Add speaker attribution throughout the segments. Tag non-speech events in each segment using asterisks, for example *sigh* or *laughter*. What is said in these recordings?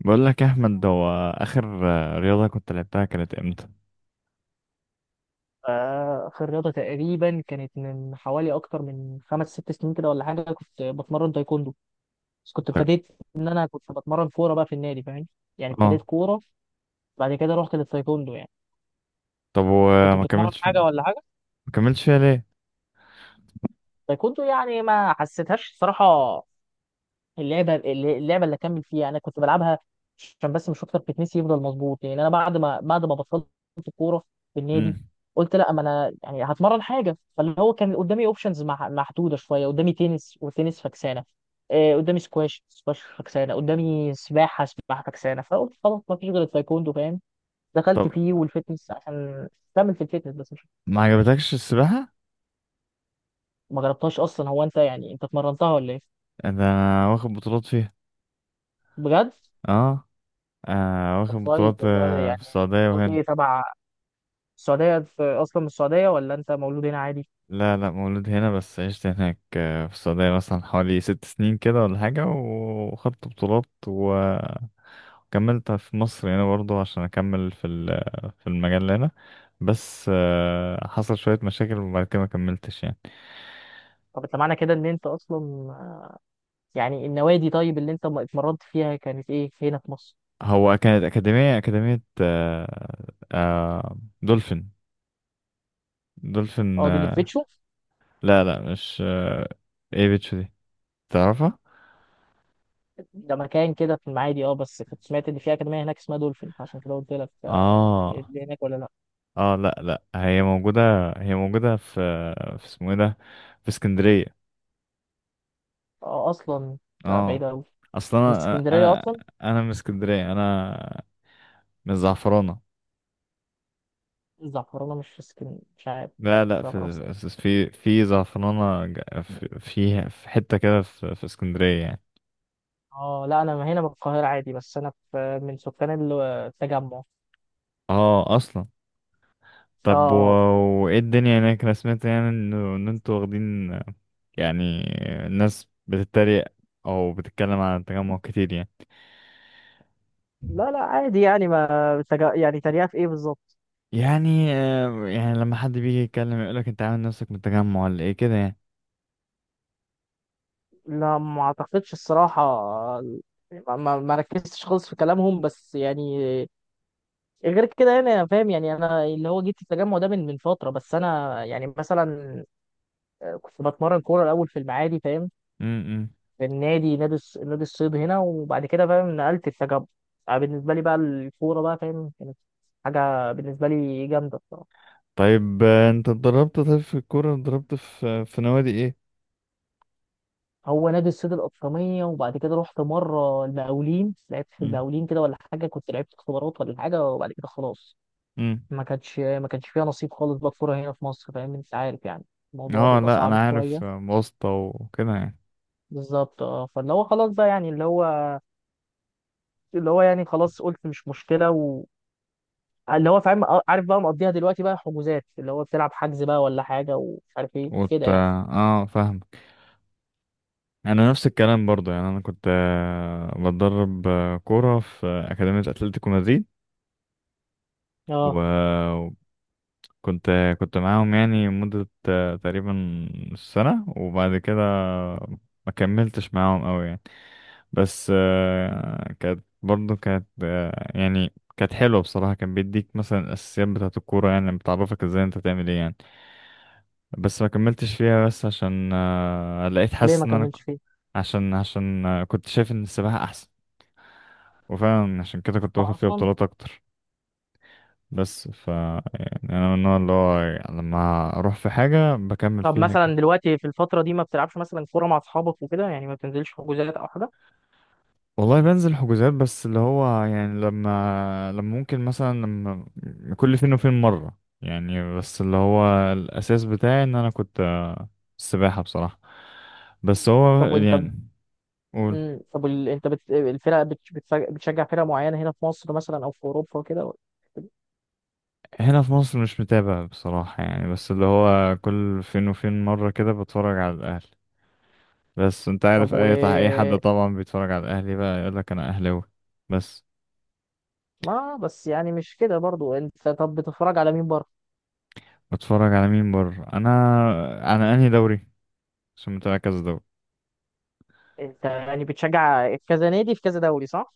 Speaker 1: بقول لك يا احمد، هو اخر. رياضه كنت لعبتها كانت امتى؟
Speaker 2: آه، في الرياضة تقريبا كانت من حوالي أكتر من خمس ست سنين كده ولا حاجة. كنت بتمرن تايكوندو بس كنت
Speaker 1: طيب.
Speaker 2: ابتديت إن أنا كنت بتمرن كورة بقى في النادي، فاهم؟ يعني ابتديت
Speaker 1: اه.
Speaker 2: كورة، بعد كده رحت للتايكوندو يعني.
Speaker 1: طب
Speaker 2: كنت
Speaker 1: وما
Speaker 2: بتتمرن
Speaker 1: كملتش؟
Speaker 2: حاجة ولا حاجة؟
Speaker 1: ما كملتش فيها ليه؟
Speaker 2: تايكوندو يعني ما حسيتهاش الصراحة. اللعبه اللي اكمل فيها انا كنت بلعبها عشان بس، مش اكتر بتنسي يفضل مظبوط. يعني انا بعد ما بطلت الكوره في النادي،
Speaker 1: امم.
Speaker 2: قلت لا، ما انا يعني هتمرن حاجه. فاللي هو كان قدامي اوبشنز محدوده شويه، قدامي تنس وتنس فكسانه، قدامي سكواش سكواش فكسانه، قدامي سباحه سباحه فكسانه، فقلت خلاص ما فيش غير التايكوندو، فاهم؟ دخلت
Speaker 1: طب
Speaker 2: فيه والفتنس عشان كمل في الفتنس بس مش.
Speaker 1: ما عجبتكش السباحه؟
Speaker 2: ما جربتهاش اصلا. هو انت يعني انت اتمرنتها ولا ايه؟
Speaker 1: انا واخد بطولات فيها.
Speaker 2: بجد؟
Speaker 1: اه.
Speaker 2: طب
Speaker 1: واخد
Speaker 2: كويس
Speaker 1: بطولات،
Speaker 2: والله
Speaker 1: في
Speaker 2: يعني.
Speaker 1: السعوديه
Speaker 2: قلت
Speaker 1: وهنا.
Speaker 2: ايه تبع السعودية؟ أنت أصلا من السعودية ولا أنت مولود هنا عادي؟
Speaker 1: لا لا، مولود هنا بس عشت هناك، في السعوديه مثلا حوالي 6 سنين كده ولا حاجه، وخدت بطولات وكملت في مصر هنا برضه عشان اكمل في المجال هنا. بس حصل شويه مشاكل وبعد كده ما كملتش يعني.
Speaker 2: طب أنت معنى كده إن أنت أصلا يعني النوادي، طيب اللي أنت اتمرنت فيها كانت إيه هنا في مصر؟
Speaker 1: هو كانت أكاديمية آه. آه دولفين. دولفين
Speaker 2: أه دي اللي في
Speaker 1: آه.
Speaker 2: بيتشو؟
Speaker 1: لا لا، مش آه. ايه بيتش دي، تعرفها؟
Speaker 2: ده مكان كده في المعادي. أه بس كنت سمعت إن في أكاديمية هناك اسمها دولفين، عشان كده قلت لك
Speaker 1: اه
Speaker 2: اللي هناك ولا لأ؟
Speaker 1: اه. لا لا، هي موجودة. هي موجودة في اسمه ايه ده، في اسكندرية.
Speaker 2: أه أصلا؟ لا
Speaker 1: اه
Speaker 2: بعيدة أوي.
Speaker 1: اصلا.
Speaker 2: من
Speaker 1: انا
Speaker 2: اسكندرية
Speaker 1: انا
Speaker 2: أصلا؟
Speaker 1: انا من اسكندرية. انا من زعفرانة.
Speaker 2: الزعفرانة مش في اسكندرية، مش عارف.
Speaker 1: لا لا،
Speaker 2: الزعفرانة في اسكندرية.
Speaker 1: في زعفرانة، في حتة كده في اسكندرية يعني.
Speaker 2: أه، لا أنا هنا من القاهرة عادي، بس أنا في من سكان التجمع.
Speaker 1: اه اصلا. طب و...
Speaker 2: أه.
Speaker 1: وايه الدنيا هناك؟ انا سمعت يعني انه ان انتوا واخدين يعني، الناس بتتريق او بتتكلم عن التجمع كتير يعني.
Speaker 2: لا لا عادي يعني ما. يعني تريقة في إيه بالظبط؟
Speaker 1: يعني يعني لما حد بيجي يتكلم يقولك انت عامل نفسك من التجمع ولا ايه كده يعني.
Speaker 2: لا ما اعتقدش الصراحة. يعني ما ركزتش خالص في كلامهم، بس يعني غير كده. يعني انا فاهم، يعني انا اللي هو جيت التجمع ده من فترة، بس انا يعني مثلا كنت بتمرن كورة الاول في المعادي، فاهم؟
Speaker 1: امم.
Speaker 2: في النادي، نادي الصيد هنا، وبعد كده فاهم نقلت التجمع. بالنسبة لي بقى الكورة بقى، فاهم، كانت حاجة بالنسبة لي جامدة الصراحة.
Speaker 1: طيب انت اتدربت؟ طيب في الكورة اتدربت في نوادي ايه؟
Speaker 2: هو نادي الصيد الأطرمية، وبعد كده رحت مرة المقاولين، لعبت في المقاولين كده ولا حاجة، كنت لعبت اختبارات ولا حاجة، وبعد كده خلاص.
Speaker 1: امم.
Speaker 2: ما كانش فيها نصيب خالص بقى الكوره هنا في مصر، فاهم، انت عارف يعني، الموضوع
Speaker 1: اه
Speaker 2: بيبقى
Speaker 1: لا
Speaker 2: صعب
Speaker 1: انا
Speaker 2: شويه.
Speaker 1: عارف، واسطة وكده يعني.
Speaker 2: بالظبط اه، فاللي هو خلاص بقى يعني اللي هو يعني خلاص قلت مش مشكله، و اللي هو فاهم، عارف بقى مقضيها دلوقتي بقى حجوزات، اللي هو بتلعب حجز بقى ولا حاجه ومش عارف ايه كده يعني.
Speaker 1: اه فاهم. انا نفس الكلام برضو يعني. انا كنت بتدرب كوره في اكاديميه اتلتيكو مدريد،
Speaker 2: اه.
Speaker 1: وكنت كنت معاهم يعني مده تقريبا سنه، وبعد كده ما كملتش معاهم قوي يعني. بس كانت برضو كانت يعني كانت حلوه بصراحه. كان بيديك مثلا الاساسيات بتاعه الكوره، يعني بتعرفك ازاي انت تعمل ايه يعني. بس ما كملتش فيها بس عشان لقيت
Speaker 2: ليه
Speaker 1: حاسس
Speaker 2: ما
Speaker 1: ان انا
Speaker 2: كملتش فيه؟
Speaker 1: عشان عشان كنت شايف ان السباحه احسن، وفعلا عشان كده كنت واخد
Speaker 2: اه
Speaker 1: فيها
Speaker 2: اصلا.
Speaker 1: بطولات اكتر. بس ف يعني انا من النوع اللي هو لما اروح في حاجه بكمل
Speaker 2: طب
Speaker 1: فيها كده.
Speaker 2: مثلا دلوقتي في الفتره دي، ما بتلعبش مثلا كوره مع اصحابك وكده يعني؟ ما بتنزلش حجوزات او حاجه؟
Speaker 1: والله بنزل حجوزات، بس اللي هو يعني لما ممكن مثلا لما كل فين وفين مره يعني، بس اللي هو الاساس بتاعي ان انا كنت السباحه بصراحه. بس هو
Speaker 2: طب وانت ب...
Speaker 1: يعني قول.
Speaker 2: طب وال- انت بت... الفرق بت... بتف- بتشجع فرق معينه هنا في مصر مثلا او في اوروبا وكده؟
Speaker 1: هنا في مصر مش متابع بصراحه يعني، بس اللي هو كل فين وفين مره كده بتفرج على الاهلي. بس انت
Speaker 2: طب
Speaker 1: عارف
Speaker 2: و.
Speaker 1: اي حد طبعا بيتفرج على الاهلي بقى يقول لك انا اهلاوي. بس
Speaker 2: ما بس يعني مش كده برضو. انت طب بتتفرج على مين بره؟
Speaker 1: بتفرج على مين بره انا، انا انهي دوري، عشان متابع كذا دوري.
Speaker 2: انت يعني بتشجع كذا نادي في كذا دوري، صح؟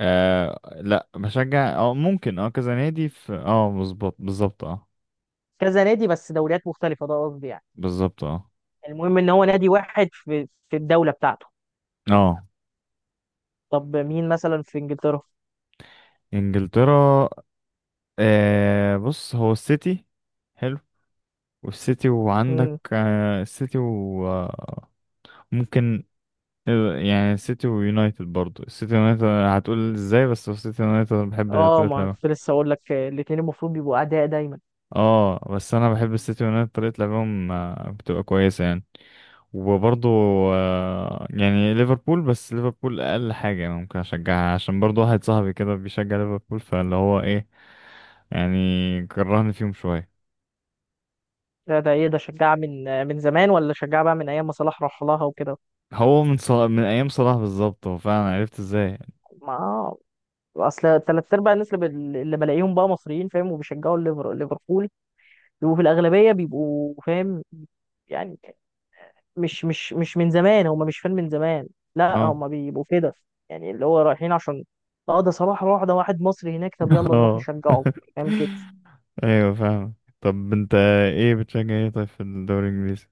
Speaker 1: آه لا بشجع اه، ممكن اه كذا نادي في اه مظبوط بالظبط اه.
Speaker 2: كذا نادي بس دوريات مختلفة، ده قصدي يعني.
Speaker 1: بالظبط اه.
Speaker 2: المهم ان هو نادي واحد في في الدولة بتاعته.
Speaker 1: اه.
Speaker 2: طب مين مثلا في انجلترا؟
Speaker 1: انجلترا. بص هو السيتي. حلو. والسيتي، وعندك
Speaker 2: امم.
Speaker 1: آه السيتي، وممكن يعني السيتي ويونايتد برضو. السيتي ويونايتد هتقول ازاي. بس السيتي ويونايتد أنا بحب
Speaker 2: اه،
Speaker 1: الاتليت.
Speaker 2: ما كنت لسه اقول لك الاتنين المفروض بيبقوا اعداء دايما.
Speaker 1: اه. بس انا بحب السيتي يونايتد طريقه لعبهم بتبقى كويسه يعني. وبرضه يعني ليفربول. بس ليفربول اقل حاجه يعني ممكن اشجعها عشان برضه واحد صاحبي كده بيشجع ليفربول، فاللي هو ايه يعني كرهني فيهم شويه.
Speaker 2: ده ده ايه، ده شجع من من زمان ولا شجع بقى من ايام ما صلاح راح لها وكده؟
Speaker 1: هو من صلاح، من ايام صلاح بالظبط. هو فعلا عرفت ازاي.
Speaker 2: ما اصل تلات ارباع الناس اللي بلاقيهم بقى مصريين، فاهم، وبيشجعوا ليفربول، وفي الأغلبية بيبقوا فاهم يعني. مش من زمان، هم مش فان من زمان، لا
Speaker 1: اه.
Speaker 2: هم بيبقوا كده، يعني اللي هو رايحين عشان اه ده صلاح راح، ده واحد مصري هناك،
Speaker 1: *laughs*
Speaker 2: طب يلا نروح
Speaker 1: اه.
Speaker 2: نشجعه، فاهم كده.
Speaker 1: *laughs* ايوه فاهم. طب انت ايه بتشجع ايه طيب في الدوري الانجليزي؟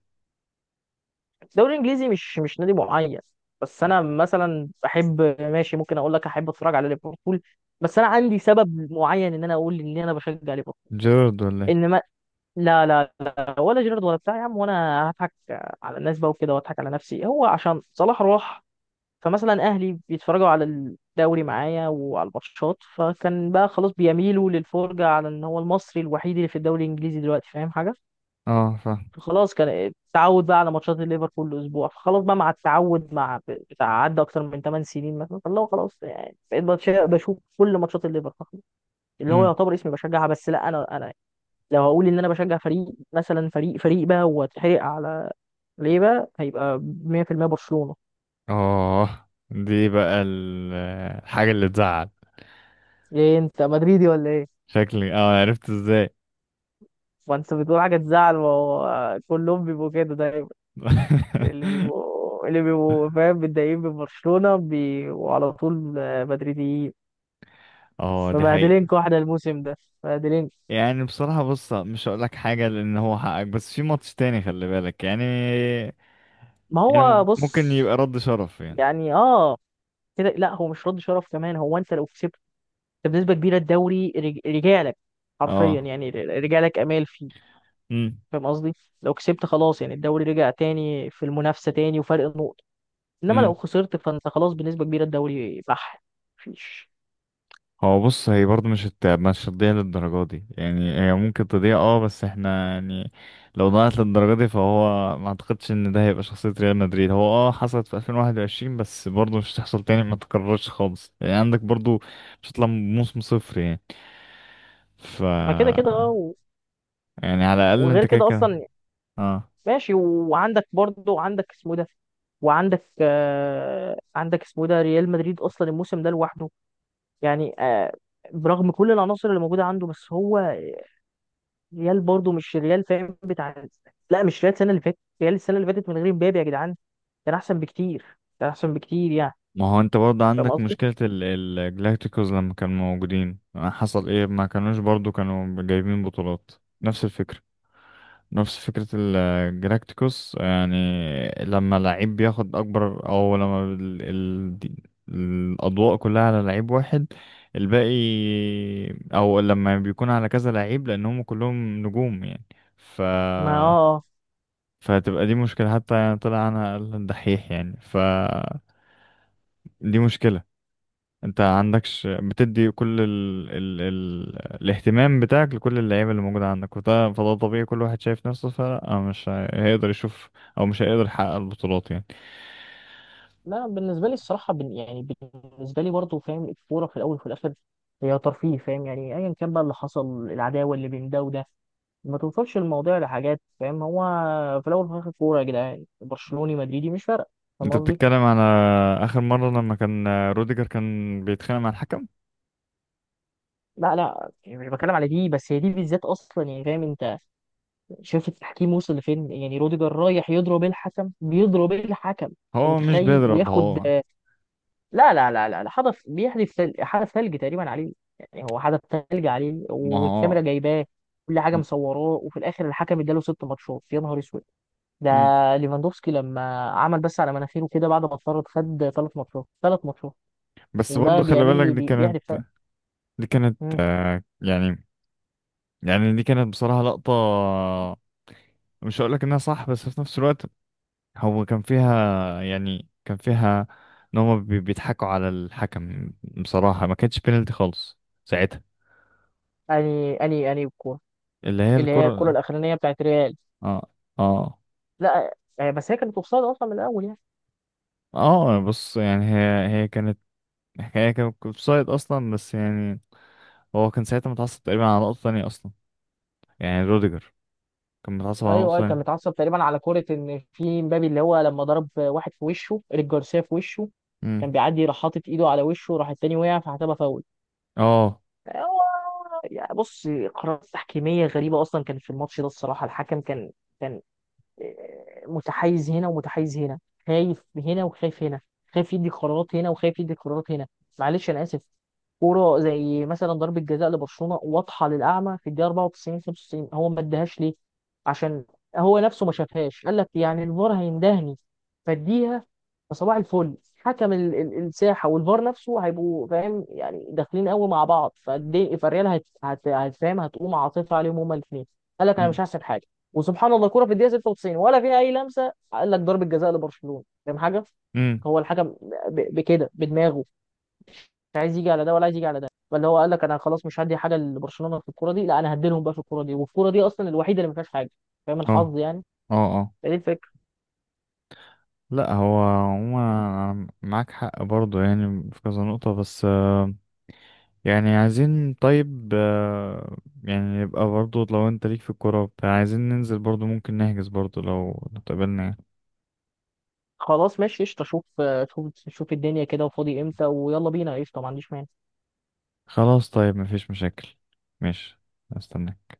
Speaker 2: الدوري الانجليزي مش نادي معين، بس انا مثلا بحب ماشي، ممكن اقول لك احب اتفرج على ليفربول، بس انا عندي سبب معين ان انا اقول ان انا بشجع ليفربول.
Speaker 1: جيرارد ولا ايه؟
Speaker 2: انما لا لا لا، ولا جيرارد ولا بتاع يا عم، وانا هضحك على الناس بقى وكده واضحك على نفسي. هو عشان صلاح راح، فمثلا اهلي بيتفرجوا على الدوري معايا وعلى الماتشات، فكان بقى خلاص بيميلوا للفرجه على ان هو المصري الوحيد اللي في الدوري الانجليزي دلوقتي، فاهم حاجه؟
Speaker 1: اه فاهم.
Speaker 2: فخلاص، كان التعود بقى على ماتشات الليفر كل اسبوع، فخلاص بقى مع التعود مع بتاع، عدى اكتر من 8 سنين مثلا، فاللي هو خلاص يعني بقيت بشوف كل ماتشات الليفر فخلاص، اللي هو يعتبر اسمي بشجعها. بس لا انا لو هقول ان انا بشجع فريق، مثلا فريق بقى واتحرق على ليه بقى، هيبقى 100% برشلونه.
Speaker 1: اه دي بقى الحاجة اللي تزعل.
Speaker 2: ايه، انت مدريدي ولا ايه؟
Speaker 1: شكلي، اه عرفت ازاي.
Speaker 2: ما انت بتقول حاجة تزعل، ما هو كلهم بيبقوا كده دايما. اللي
Speaker 1: *laughs*
Speaker 2: بيبقوا اللي بيبقوا فاهم متضايقين من برشلونة، بيبقوا على طول مدريديين.
Speaker 1: اه دي حقيقة.
Speaker 2: مبهدلينكوا احنا الموسم ده، مبهدلين.
Speaker 1: يعني بصراحة بص مش هقولك حاجة لأن هو حقك، بس في ماتش تاني خلي بالك يعني.
Speaker 2: ما هو
Speaker 1: يعني
Speaker 2: بص.
Speaker 1: ممكن يبقى رد شرف يعني.
Speaker 2: يعني اه كده، لا هو مش رد شرف كمان. هو انت لو كسبت، انت بنسبه كبيره الدوري رجع لك، حرفيا
Speaker 1: اه.
Speaker 2: يعني رجع لك، امال فيه؟ فاهم قصدي؟ لو كسبت خلاص، يعني الدوري رجع تاني في المنافسه تاني وفرق نقط. انما لو
Speaker 1: امم.
Speaker 2: خسرت فانت خلاص بنسبه كبيره الدوري بح، مفيش.
Speaker 1: هو بص، هي برضه مش هتضيع للدرجة دي يعني. هي ممكن تضيع اه، بس احنا يعني لو ضاعت للدرجة دي فهو ما اعتقدش ان ده هيبقى شخصية ريال مدريد. هو اه حصلت في 2021، بس برضه مش هتحصل تاني ما تكررش خالص يعني، عندك برضه مش هتطلع موسم صفر يعني. ف
Speaker 2: ما كده كده اه و-،
Speaker 1: يعني على الأقل
Speaker 2: وغير
Speaker 1: انت كده
Speaker 2: كده
Speaker 1: كده
Speaker 2: اصلا
Speaker 1: اه.
Speaker 2: ماشي. وعندك برضه، عندك اسمه ده، وعندك آه، عندك اسمه ده ريال مدريد اصلا الموسم ده لوحده يعني آه، برغم كل العناصر اللي موجوده عنده، بس هو ريال برضه مش الريال، فاهم بتاع. لا، مش ريال السنه اللي فاتت، ريال السنه اللي فاتت من غير مبابي يا جدعان كان احسن بكتير، كان احسن بكتير يعني.
Speaker 1: ما هو انت برضه
Speaker 2: فاهم
Speaker 1: عندك
Speaker 2: قصدي؟
Speaker 1: مشكلة الجلاكتيكوز لما كانوا موجودين، حصل ايه؟ ما كانوش برضه كانوا جايبين بطولات. نفس الفكرة. نفس فكرة الجلاكتيكوس يعني. لما لعيب بياخد أكبر، أو لما الأضواء كلها على لعيب واحد، الباقي، أو لما بيكون على كذا لعيب لأنهم كلهم نجوم يعني. ف
Speaker 2: ما اه آه.
Speaker 1: فهتبقى دي مشكلة، حتى يعني طلع أنا أقل دحيح يعني. ف دي مشكلة. انت عندكش بتدي كل الاهتمام بتاعك لكل اللعيبه اللي موجوده عندك، وده فده طبيعي كل واحد شايف نفسه، فلا مش هي- هيقدر يشوف او مش هيقدر يحقق البطولات يعني.
Speaker 2: لا بالنسبه لي الصراحه، بن يعني، بالنسبه لي برضه فاهم الكوره في الاول وفي الاخر هي ترفيه، فاهم يعني، ايا كان بقى اللي حصل، العداوه اللي بين ده وده ما توصلش الموضوع لحاجات، فاهم. هو في الاول وفي الاخر كوره يا جدعان، برشلوني مدريدي مش فارقه. فاهم
Speaker 1: انت
Speaker 2: قصدي؟
Speaker 1: بتتكلم على اخر مره لما كان روديجر كان بيتخانق مع الحكم.
Speaker 2: لا لا يعني مش بتكلم على دي، بس هي دي بالذات اصلا، يعني فاهم انت شايف التحكيم وصل لفين يعني، روديجر رايح يضرب الحكم، بيضرب الحكم، انت
Speaker 1: هو مش
Speaker 2: متخيل،
Speaker 1: بيضرب.
Speaker 2: وياخد.
Speaker 1: هو
Speaker 2: لا لا لا لا لا، حدث بيحدث حدث ثلج تقريبا عليه، يعني هو حدث ثلج عليه،
Speaker 1: ما هو
Speaker 2: والكاميرا جايباه، كل حاجه مصوراه، وفي الاخر الحكم اداله ست ماتشات، يا نهار اسود ده.
Speaker 1: مم.
Speaker 2: ليفاندوفسكي لما عمل بس على مناخيره كده بعد ما اتطرد، خد ثلاث ماتشات، ثلاث ماتشات.
Speaker 1: بس
Speaker 2: وده
Speaker 1: برضه خلي
Speaker 2: بيعمل
Speaker 1: بالك
Speaker 2: لي
Speaker 1: دي كانت.
Speaker 2: بيحدث ثلج. مم.
Speaker 1: يعني يعني دي كانت بصراحه لقطه. مش هقولك انها صح، بس في نفس الوقت هو كان فيها يعني كان فيها ان هم بيضحكوا على الحكم. بصراحة ما كانتش بينالتي خالص ساعتها.
Speaker 2: اني الكوره
Speaker 1: اللي هي
Speaker 2: اللي هي الكوره
Speaker 1: الكرة.
Speaker 2: الاخرانيه بتاعت ريال،
Speaker 1: اه اه
Speaker 2: لا، بس هي كانت اوفسايد اصلا من الاول يعني.
Speaker 1: اه. بص يعني هي كانت. هي كانت اوفسايد اصلا، بس يعني هو كان ساعتها متعصب تقريبا على نقطة تانية اصلا، يعني روديجر كان متعصب
Speaker 2: ايوه
Speaker 1: على نقطة
Speaker 2: ايوه، كان
Speaker 1: تانية.
Speaker 2: متعصب تقريبا على كوره ان في مبابي اللي هو لما ضرب واحد في وشه، ايريك جارسيا في وشه، كان
Speaker 1: امم
Speaker 2: بيعدي، راح حاطط ايده على وشه، راح التاني وقع فحسبها فاول.
Speaker 1: اه،
Speaker 2: هو يعني بص، قرارات تحكيميه غريبه اصلا كان في الماتش ده الصراحه. الحكم كان، كان متحيز هنا ومتحيز هنا، خايف هنا وخايف هنا، خايف يدي قرارات هنا وخايف يدي قرارات هنا. معلش انا اسف. كوره زي مثلا ضربه جزاء لبرشلونه واضحه للاعمى في الدقيقه 94 95، هو ما اداهاش ليه؟ عشان هو نفسه ما شافهاش، قال لك يعني الفار هيندهني، فاديها. فصباح الفل، حكم الساحه والفار نفسه هيبقوا فاهم يعني داخلين قوي مع بعض، فالريال هتفهم، هتقوم عاطفه عليهم هما الاثنين، قال لك انا
Speaker 1: امم
Speaker 2: مش هحسب حاجه. وسبحان الله، الكوره في الدقيقه 96 ولا فيها اي لمسه، قال لك ضربه جزاء لبرشلونه، فاهم حاجه؟
Speaker 1: امم،
Speaker 2: هو الحكم بكده بدماغه مش عايز يجي على ده ولا عايز يجي على ده، فاللي هو قال لك انا خلاص مش هدي حاجه لبرشلونه في الكوره دي، لا انا هديلهم بقى في الكوره دي، والكوره دي اصلا الوحيده اللي ما فيهاش حاجه، فاهم
Speaker 1: اه
Speaker 2: الحظ يعني.
Speaker 1: اه اه.
Speaker 2: فدي الفكره.
Speaker 1: لا هو عموما أنا معاك حق برضه يعني في كذا نقطة. بس يعني عايزين طيب يعني يبقى برضو لو انت ليك في الكورة وبتاع عايزين ننزل برضو، ممكن نحجز برضو لو اتقابلنا يعني.
Speaker 2: خلاص ماشي قشطه، شوف شوف شوف الدنيا كده وفاضي امتى ويلا بينا، قشطه ما عنديش مانع.
Speaker 1: خلاص طيب مفيش مشاكل. ماشي. استناك.